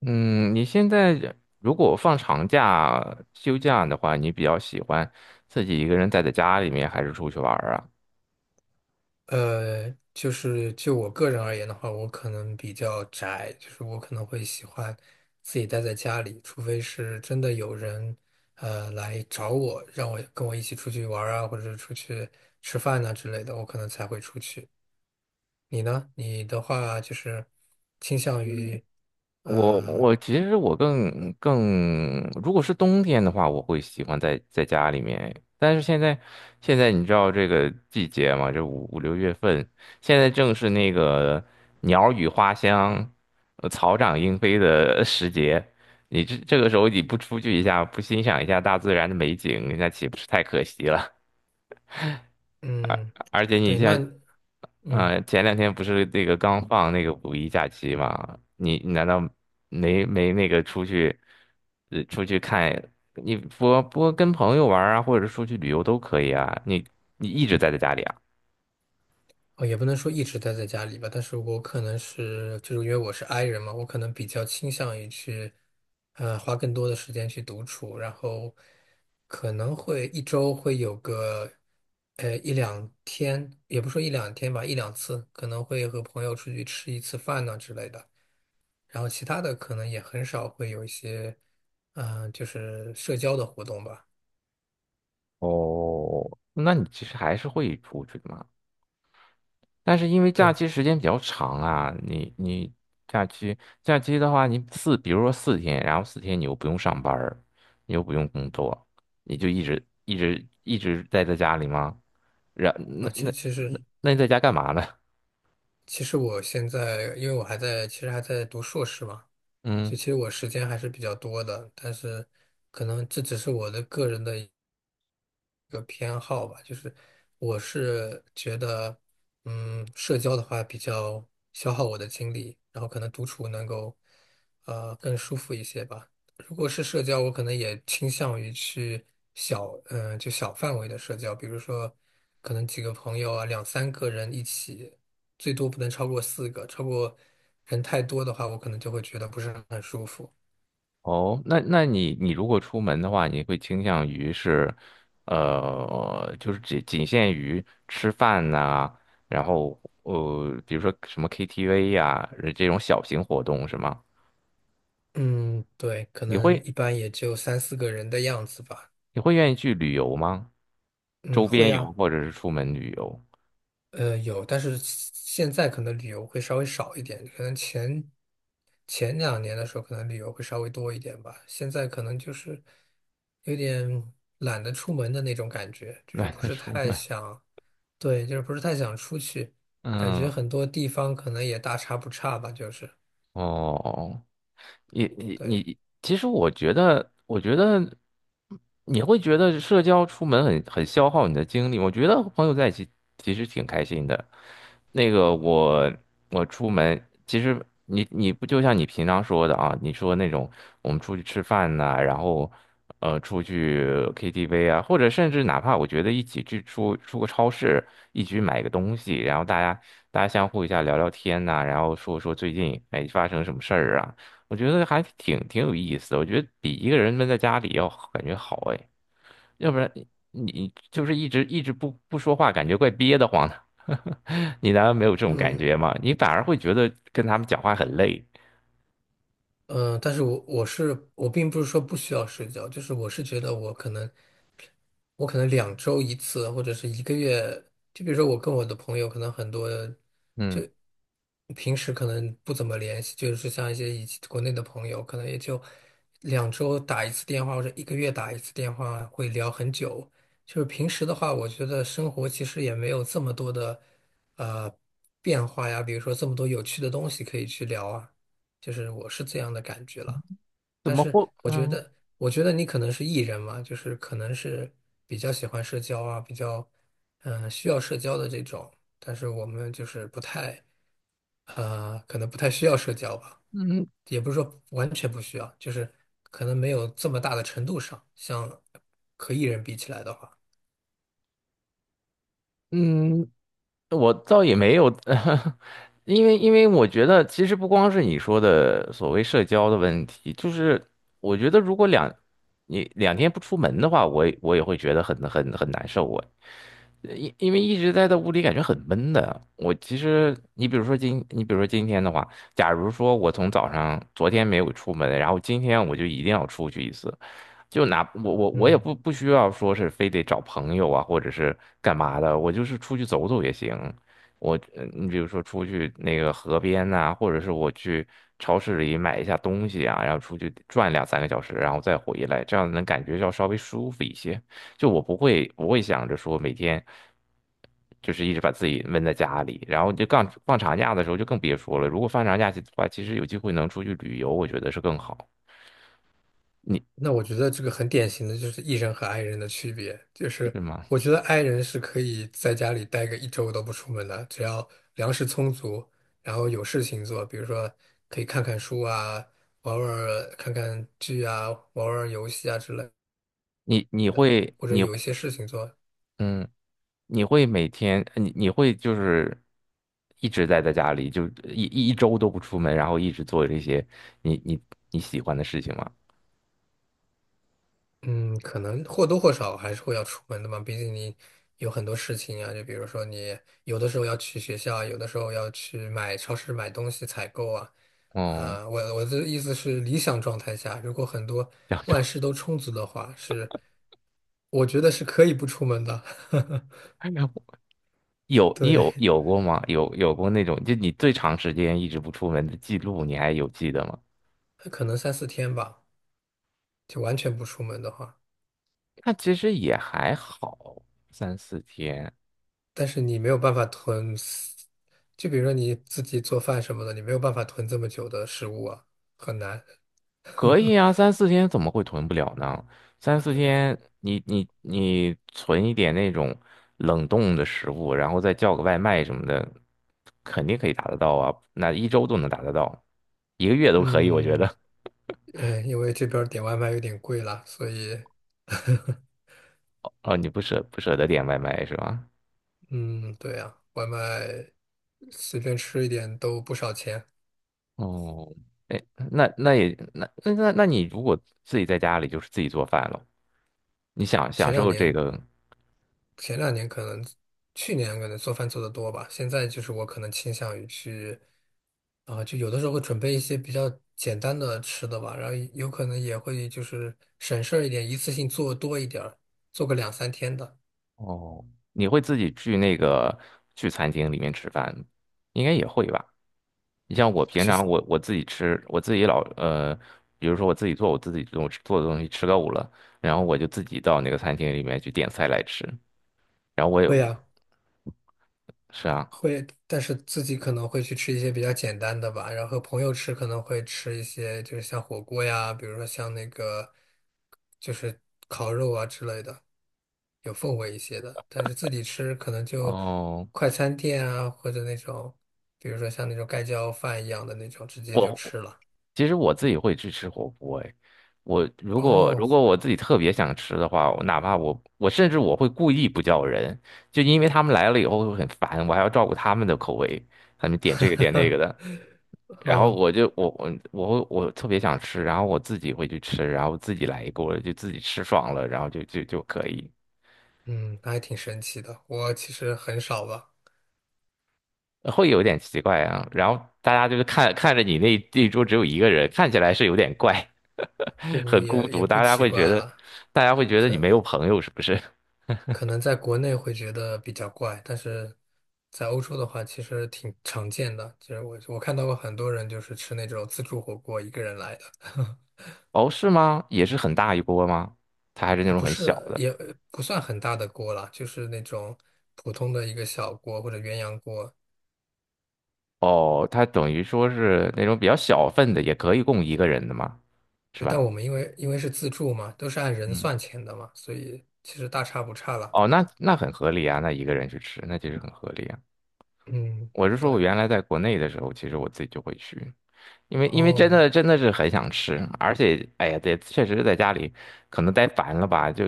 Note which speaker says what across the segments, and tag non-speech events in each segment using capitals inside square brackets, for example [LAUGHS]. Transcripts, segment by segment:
Speaker 1: 嗯，你现在如果放长假、休假的话，你比较喜欢自己一个人待在家里面，还是出去玩儿啊？
Speaker 2: 就是就我个人而言的话，我可能比较宅，就是我可能会喜欢自己待在家里，除非是真的有人来找我，让我跟我一起出去玩儿啊，或者是出去吃饭呐、之类的，我可能才会出去。你呢？你的话就是倾向于
Speaker 1: 我
Speaker 2: 呃
Speaker 1: 我其实我更更，如果是冬天的话，我会喜欢在家里面。但是现在你知道这个季节嘛，这五六月份，现在正是那个鸟语花香、草长莺飞的 [LAUGHS] 时节。你这个时候你不出去一下，不欣赏一下大自然的美景，那岂不是太可惜了？
Speaker 2: 嗯，
Speaker 1: 而且你
Speaker 2: 对，
Speaker 1: 像，
Speaker 2: 那嗯。
Speaker 1: 前两天不是那个刚放那个五一假期嘛？你难道没那个出去，出去看？你不跟朋友玩儿啊，或者出去旅游都可以啊。你一直待在家里啊？
Speaker 2: 哦，也不能说一直待在家里吧，但是我可能是，就是因为我是 i 人嘛，我可能比较倾向于去，花更多的时间去独处，然后可能会一周会有个，一两天，也不说一两天吧，一两次，可能会和朋友出去吃一次饭呐之类的，然后其他的可能也很少会有一些，就是社交的活动吧。
Speaker 1: 哦，那你其实还是会出去的嘛。但是因为假
Speaker 2: 对。
Speaker 1: 期时间比较长啊，你假期假期的话，你四比如说四天，然后四天你又不用上班儿，你又不用工作，你就一直待在家里吗？然那
Speaker 2: 啊，
Speaker 1: 那
Speaker 2: 其实其实
Speaker 1: 那那你在家干嘛呢？[LAUGHS]
Speaker 2: 其实我现在，因为我还在，其实还在读硕士嘛。所
Speaker 1: 嗯，
Speaker 2: 以其实我时间还是比较多的，但是可能这只是我的个人的一个偏好吧。就是我是觉得，社交的话比较消耗我的精力，然后可能独处能够，更舒服一些吧。如果是社交，我可能也倾向于去小，嗯、就小范围的社交，比如说可能几个朋友啊，两三个人一起，最多不能超过四个，人太多的话，我可能就会觉得不是很舒服。
Speaker 1: 哦，那你如果出门的话，你会倾向于是，就是仅仅限于吃饭呐、然后比如说什么 KTV 呀、这种小型活动是吗？
Speaker 2: 嗯，对，可
Speaker 1: 你
Speaker 2: 能
Speaker 1: 会
Speaker 2: 一般也就三四个人的样子吧。
Speaker 1: 你会愿意去旅游吗？
Speaker 2: 嗯，
Speaker 1: 周边
Speaker 2: 会
Speaker 1: 游
Speaker 2: 啊，
Speaker 1: 或者是出门旅游，
Speaker 2: 有，但是现在可能旅游会稍微少一点，可能前两年的时候，可能旅游会稍微多一点吧。现在可能就是有点懒得出门的那种感觉，
Speaker 1: [LAUGHS]
Speaker 2: 就是
Speaker 1: 懒
Speaker 2: 不
Speaker 1: 得
Speaker 2: 是
Speaker 1: 出
Speaker 2: 太
Speaker 1: 门。
Speaker 2: 想，对，就是不是太想出去，感觉
Speaker 1: 嗯，
Speaker 2: 很多地方可能也大差不差吧，就是
Speaker 1: 哦，你你
Speaker 2: 对。
Speaker 1: 你，其实我觉得，我觉得你会觉得社交出门很消耗你的精力。我觉得和朋友在一起其实挺开心的。那个我出门，其实你不就像你平常说的啊？你说那种我们出去吃饭呐、然后出去 KTV 啊，或者甚至哪怕我觉得一起去出个超市，一起去买个东西，然后大家相互一下聊聊天呐、然后说说最近哎发生什么事儿啊。我觉得还挺有意思的，我觉得比一个人闷在家里要感觉好哎，要不然你就是一直不说话，感觉怪憋得慌的。[LAUGHS] 你难道没有这种感
Speaker 2: 嗯。
Speaker 1: 觉吗？你反而会觉得跟他们讲话很累。
Speaker 2: 嗯，但是我并不是说不需要社交，就是我是觉得我可能两周一次，或者是一个月，就比如说我跟我的朋友可能很多，就
Speaker 1: 嗯，
Speaker 2: 平时可能不怎么联系，就是像一些以前国内的朋友，可能也就两周打一次电话或者一个月打一次电话，会聊很久。就是平时的话，我觉得生活其实也没有这么多的呃变化呀，比如说这么多有趣的东西可以去聊啊。就是我是这样的感觉了。
Speaker 1: 怎
Speaker 2: 但
Speaker 1: 么
Speaker 2: 是
Speaker 1: 会？
Speaker 2: 我觉
Speaker 1: 嗯
Speaker 2: 得，你可能是 E 人嘛，就是可能是比较喜欢社交啊，比较需要社交的这种。但是我们就是不太可能不太需要社交吧，
Speaker 1: 嗯
Speaker 2: 也不是说完全不需要，就是可能没有这么大的程度上，像和 E 人比起来的话。
Speaker 1: 嗯，我倒也没有，[LAUGHS] 因为我觉得其实不光是你说的所谓社交的问题，就是我觉得如果两你两天不出门的话，我也会觉得很难受哎。因为一直待在屋里，感觉很闷的。我其实，你比如说今，你比如说今天的话，假如说我从早上昨天没有出门，然后今天我就一定要出去一次，就哪我也
Speaker 2: 嗯。
Speaker 1: 不需要说是非得找朋友啊，或者是干嘛的，我就是出去走走也行。我你比如说出去那个河边呐、或者是我去超市里买一下东西啊，然后出去转两三个小时，然后再回来，这样能感觉要稍微舒服一些。就我不会想着说每天就是一直把自己闷在家里，然后就放长假的时候就更别说了。如果放长假的话，其实有机会能出去旅游，我觉得是更好。你
Speaker 2: 那我觉得这个很典型的就是 E 人和 I 人的区别，就是
Speaker 1: 是吗？
Speaker 2: 我觉得 I 人是可以在家里待个一周都不出门的，只要粮食充足，然后有事情做，比如说可以看看书啊，看看剧啊，玩玩游戏啊之类，
Speaker 1: 你你会
Speaker 2: 或者
Speaker 1: 你
Speaker 2: 有一些事情做。
Speaker 1: 嗯，你会每天你会就是一直待在家里，就一周都不出门，然后一直做这些你你你喜欢的事情吗？
Speaker 2: 嗯，可能或多或少还是会要出门的嘛，毕竟你有很多事情啊，就比如说你有的时候要去学校啊，有的时候要去买超市买东西采购啊。
Speaker 1: 哦，
Speaker 2: 啊，我的意思是理想状态下，如果很多
Speaker 1: 两周。
Speaker 2: 万事都充足的话，是我觉得是可以不出门的。
Speaker 1: [LAUGHS]
Speaker 2: [LAUGHS]
Speaker 1: 有你
Speaker 2: 对，
Speaker 1: 有有过吗？有过那种，就你最长时间一直不出门的记录，你还有记得吗？
Speaker 2: 可能三四天吧，就完全不出门的话，
Speaker 1: 那其实也还好，三四天
Speaker 2: 但是你没有办法就比如说你自己做饭什么的，你没有办法囤这么久的食物啊，很难。
Speaker 1: 可以啊，三四天怎么会囤不了呢？三四天你存一点那种冷冻的食物，然后再叫个外卖什么的，肯定可以达得到啊，那一周都能达得到，一个月都可以，我觉
Speaker 2: 嗯。
Speaker 1: 得。
Speaker 2: 因为这边儿点外卖有点贵啦，所以。[LAUGHS]
Speaker 1: 哦，你不舍得点外卖是吧？
Speaker 2: 嗯，对呀，外卖随便吃一点都不少钱。
Speaker 1: 哦，哎，那那也那那那那你如果自己在家里就是自己做饭了，你想
Speaker 2: 前
Speaker 1: 享
Speaker 2: 两
Speaker 1: 受这
Speaker 2: 年，
Speaker 1: 个
Speaker 2: 前两年可能，去年可能做饭做得多吧，现在就是我可能倾向于去，就有的时候会准备一些比较简单的吃的吧，然后有可能也会就是省事儿一点，一次性做多一点儿，做个两三天的。
Speaker 1: 哦，你会自己去那个去餐厅里面吃饭，应该也会吧？你像我平常我自己吃，我自己老比如说我自己做的东西吃够了，然后我就自己到那个餐厅里面去点菜来吃，然后我
Speaker 2: 会
Speaker 1: 有
Speaker 2: 呀、
Speaker 1: 是啊，
Speaker 2: 会，但是自己可能会去吃一些比较简单的吧，然后和朋友吃可能会吃一些，就是像火锅呀，比如说像那个就是烤肉啊之类的，有氛围一些的。但是自己吃可能就
Speaker 1: 哦，
Speaker 2: 快餐店啊，或者那种，比如说像那种盖浇饭一样的那种，直接就
Speaker 1: 我
Speaker 2: 吃了。
Speaker 1: 其实我自己会去吃火锅，哎，我如果
Speaker 2: 哦。
Speaker 1: 如果我自己特别想吃的话，我哪怕我甚至我会故意不叫人，就因为他们来了以后会很烦，我还要照顾他们的口味，他们点这个点那个
Speaker 2: [LAUGHS]
Speaker 1: 的，然后
Speaker 2: 哦，
Speaker 1: 我就我我我会我特别想吃，然后我自己会去吃，然后自己来一锅就自己吃爽了，然后就可以，
Speaker 2: 嗯，那还挺神奇的。我其实很少吧。
Speaker 1: 会有点奇怪啊，然后大家就是看着你那一桌只有一个人，看起来是有点怪。
Speaker 2: 不不，
Speaker 1: 很孤
Speaker 2: 也
Speaker 1: 独，
Speaker 2: 不
Speaker 1: 大家
Speaker 2: 奇
Speaker 1: 会觉
Speaker 2: 怪
Speaker 1: 得，
Speaker 2: 了。
Speaker 1: 大家会觉得你没有朋友，是不是？
Speaker 2: 可能在国内会觉得比较怪，但是在欧洲的话，其实挺常见的。其实我看到过很多人就是吃那种自助火锅，一个人来的。[LAUGHS]
Speaker 1: 哦，是吗？也是很大一波吗？它还是那
Speaker 2: 啊，
Speaker 1: 种
Speaker 2: 不
Speaker 1: 很小
Speaker 2: 是，
Speaker 1: 的。
Speaker 2: 也不算很大的锅啦，就是那种普通的一个小锅或者鸳鸯锅。
Speaker 1: 哦，它等于说是那种比较小份的，也可以供一个人的嘛，是
Speaker 2: 对，但
Speaker 1: 吧？
Speaker 2: 我们因为是自助嘛，都是按人
Speaker 1: 嗯，
Speaker 2: 算钱的嘛，所以其实大差不差了。
Speaker 1: 哦，那很合理啊，那一个人去吃，那其实很合理啊。
Speaker 2: 嗯，
Speaker 1: 我是说，我
Speaker 2: 对，
Speaker 1: 原来在国内的时候，其实我自己就会去。因为真
Speaker 2: 哦，
Speaker 1: 的真的是很想吃，而且哎呀，对，确实在家里可能待烦了吧，就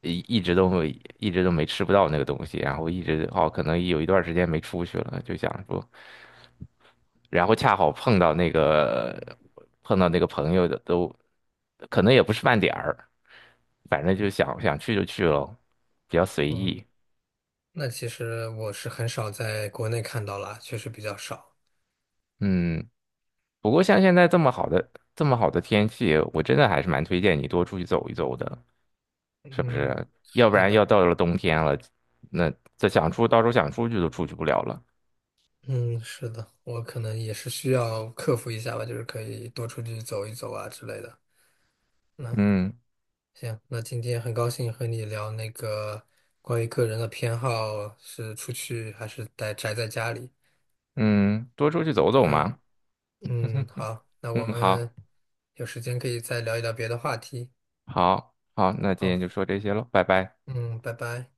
Speaker 1: 一直都没一直都没吃不到那个东西，然后一直哦，可能有一段时间没出去了，就想说，然后恰好碰到那个朋友的都，可能也不是饭点儿，反正就想去就去咯，比较随
Speaker 2: 嗯，
Speaker 1: 意。
Speaker 2: 那其实我是很少在国内看到啦，确实比较少。
Speaker 1: 嗯，不过像现在这么好的天气，我真的还是蛮推荐你多出去走一走的。是不
Speaker 2: 嗯，
Speaker 1: 是？要不
Speaker 2: 是
Speaker 1: 然要
Speaker 2: 的。
Speaker 1: 到了冬天了，那这想出到时候想出去都出去不了了。
Speaker 2: 嗯，是的，我可能也是需要克服一下吧，就是可以多出去走一走啊之类的。那
Speaker 1: 嗯
Speaker 2: 行，那今天很高兴和你聊那个关于个人的偏好是出去还是宅在家里。
Speaker 1: 嗯，多出去走走
Speaker 2: 对，
Speaker 1: 嘛。
Speaker 2: 嗯，
Speaker 1: [LAUGHS]
Speaker 2: 好，那
Speaker 1: 嗯，
Speaker 2: 我们有时间可以再聊一聊别的话题。
Speaker 1: 好，那今
Speaker 2: 好，
Speaker 1: 天就说这些喽，拜拜。
Speaker 2: 嗯，拜拜。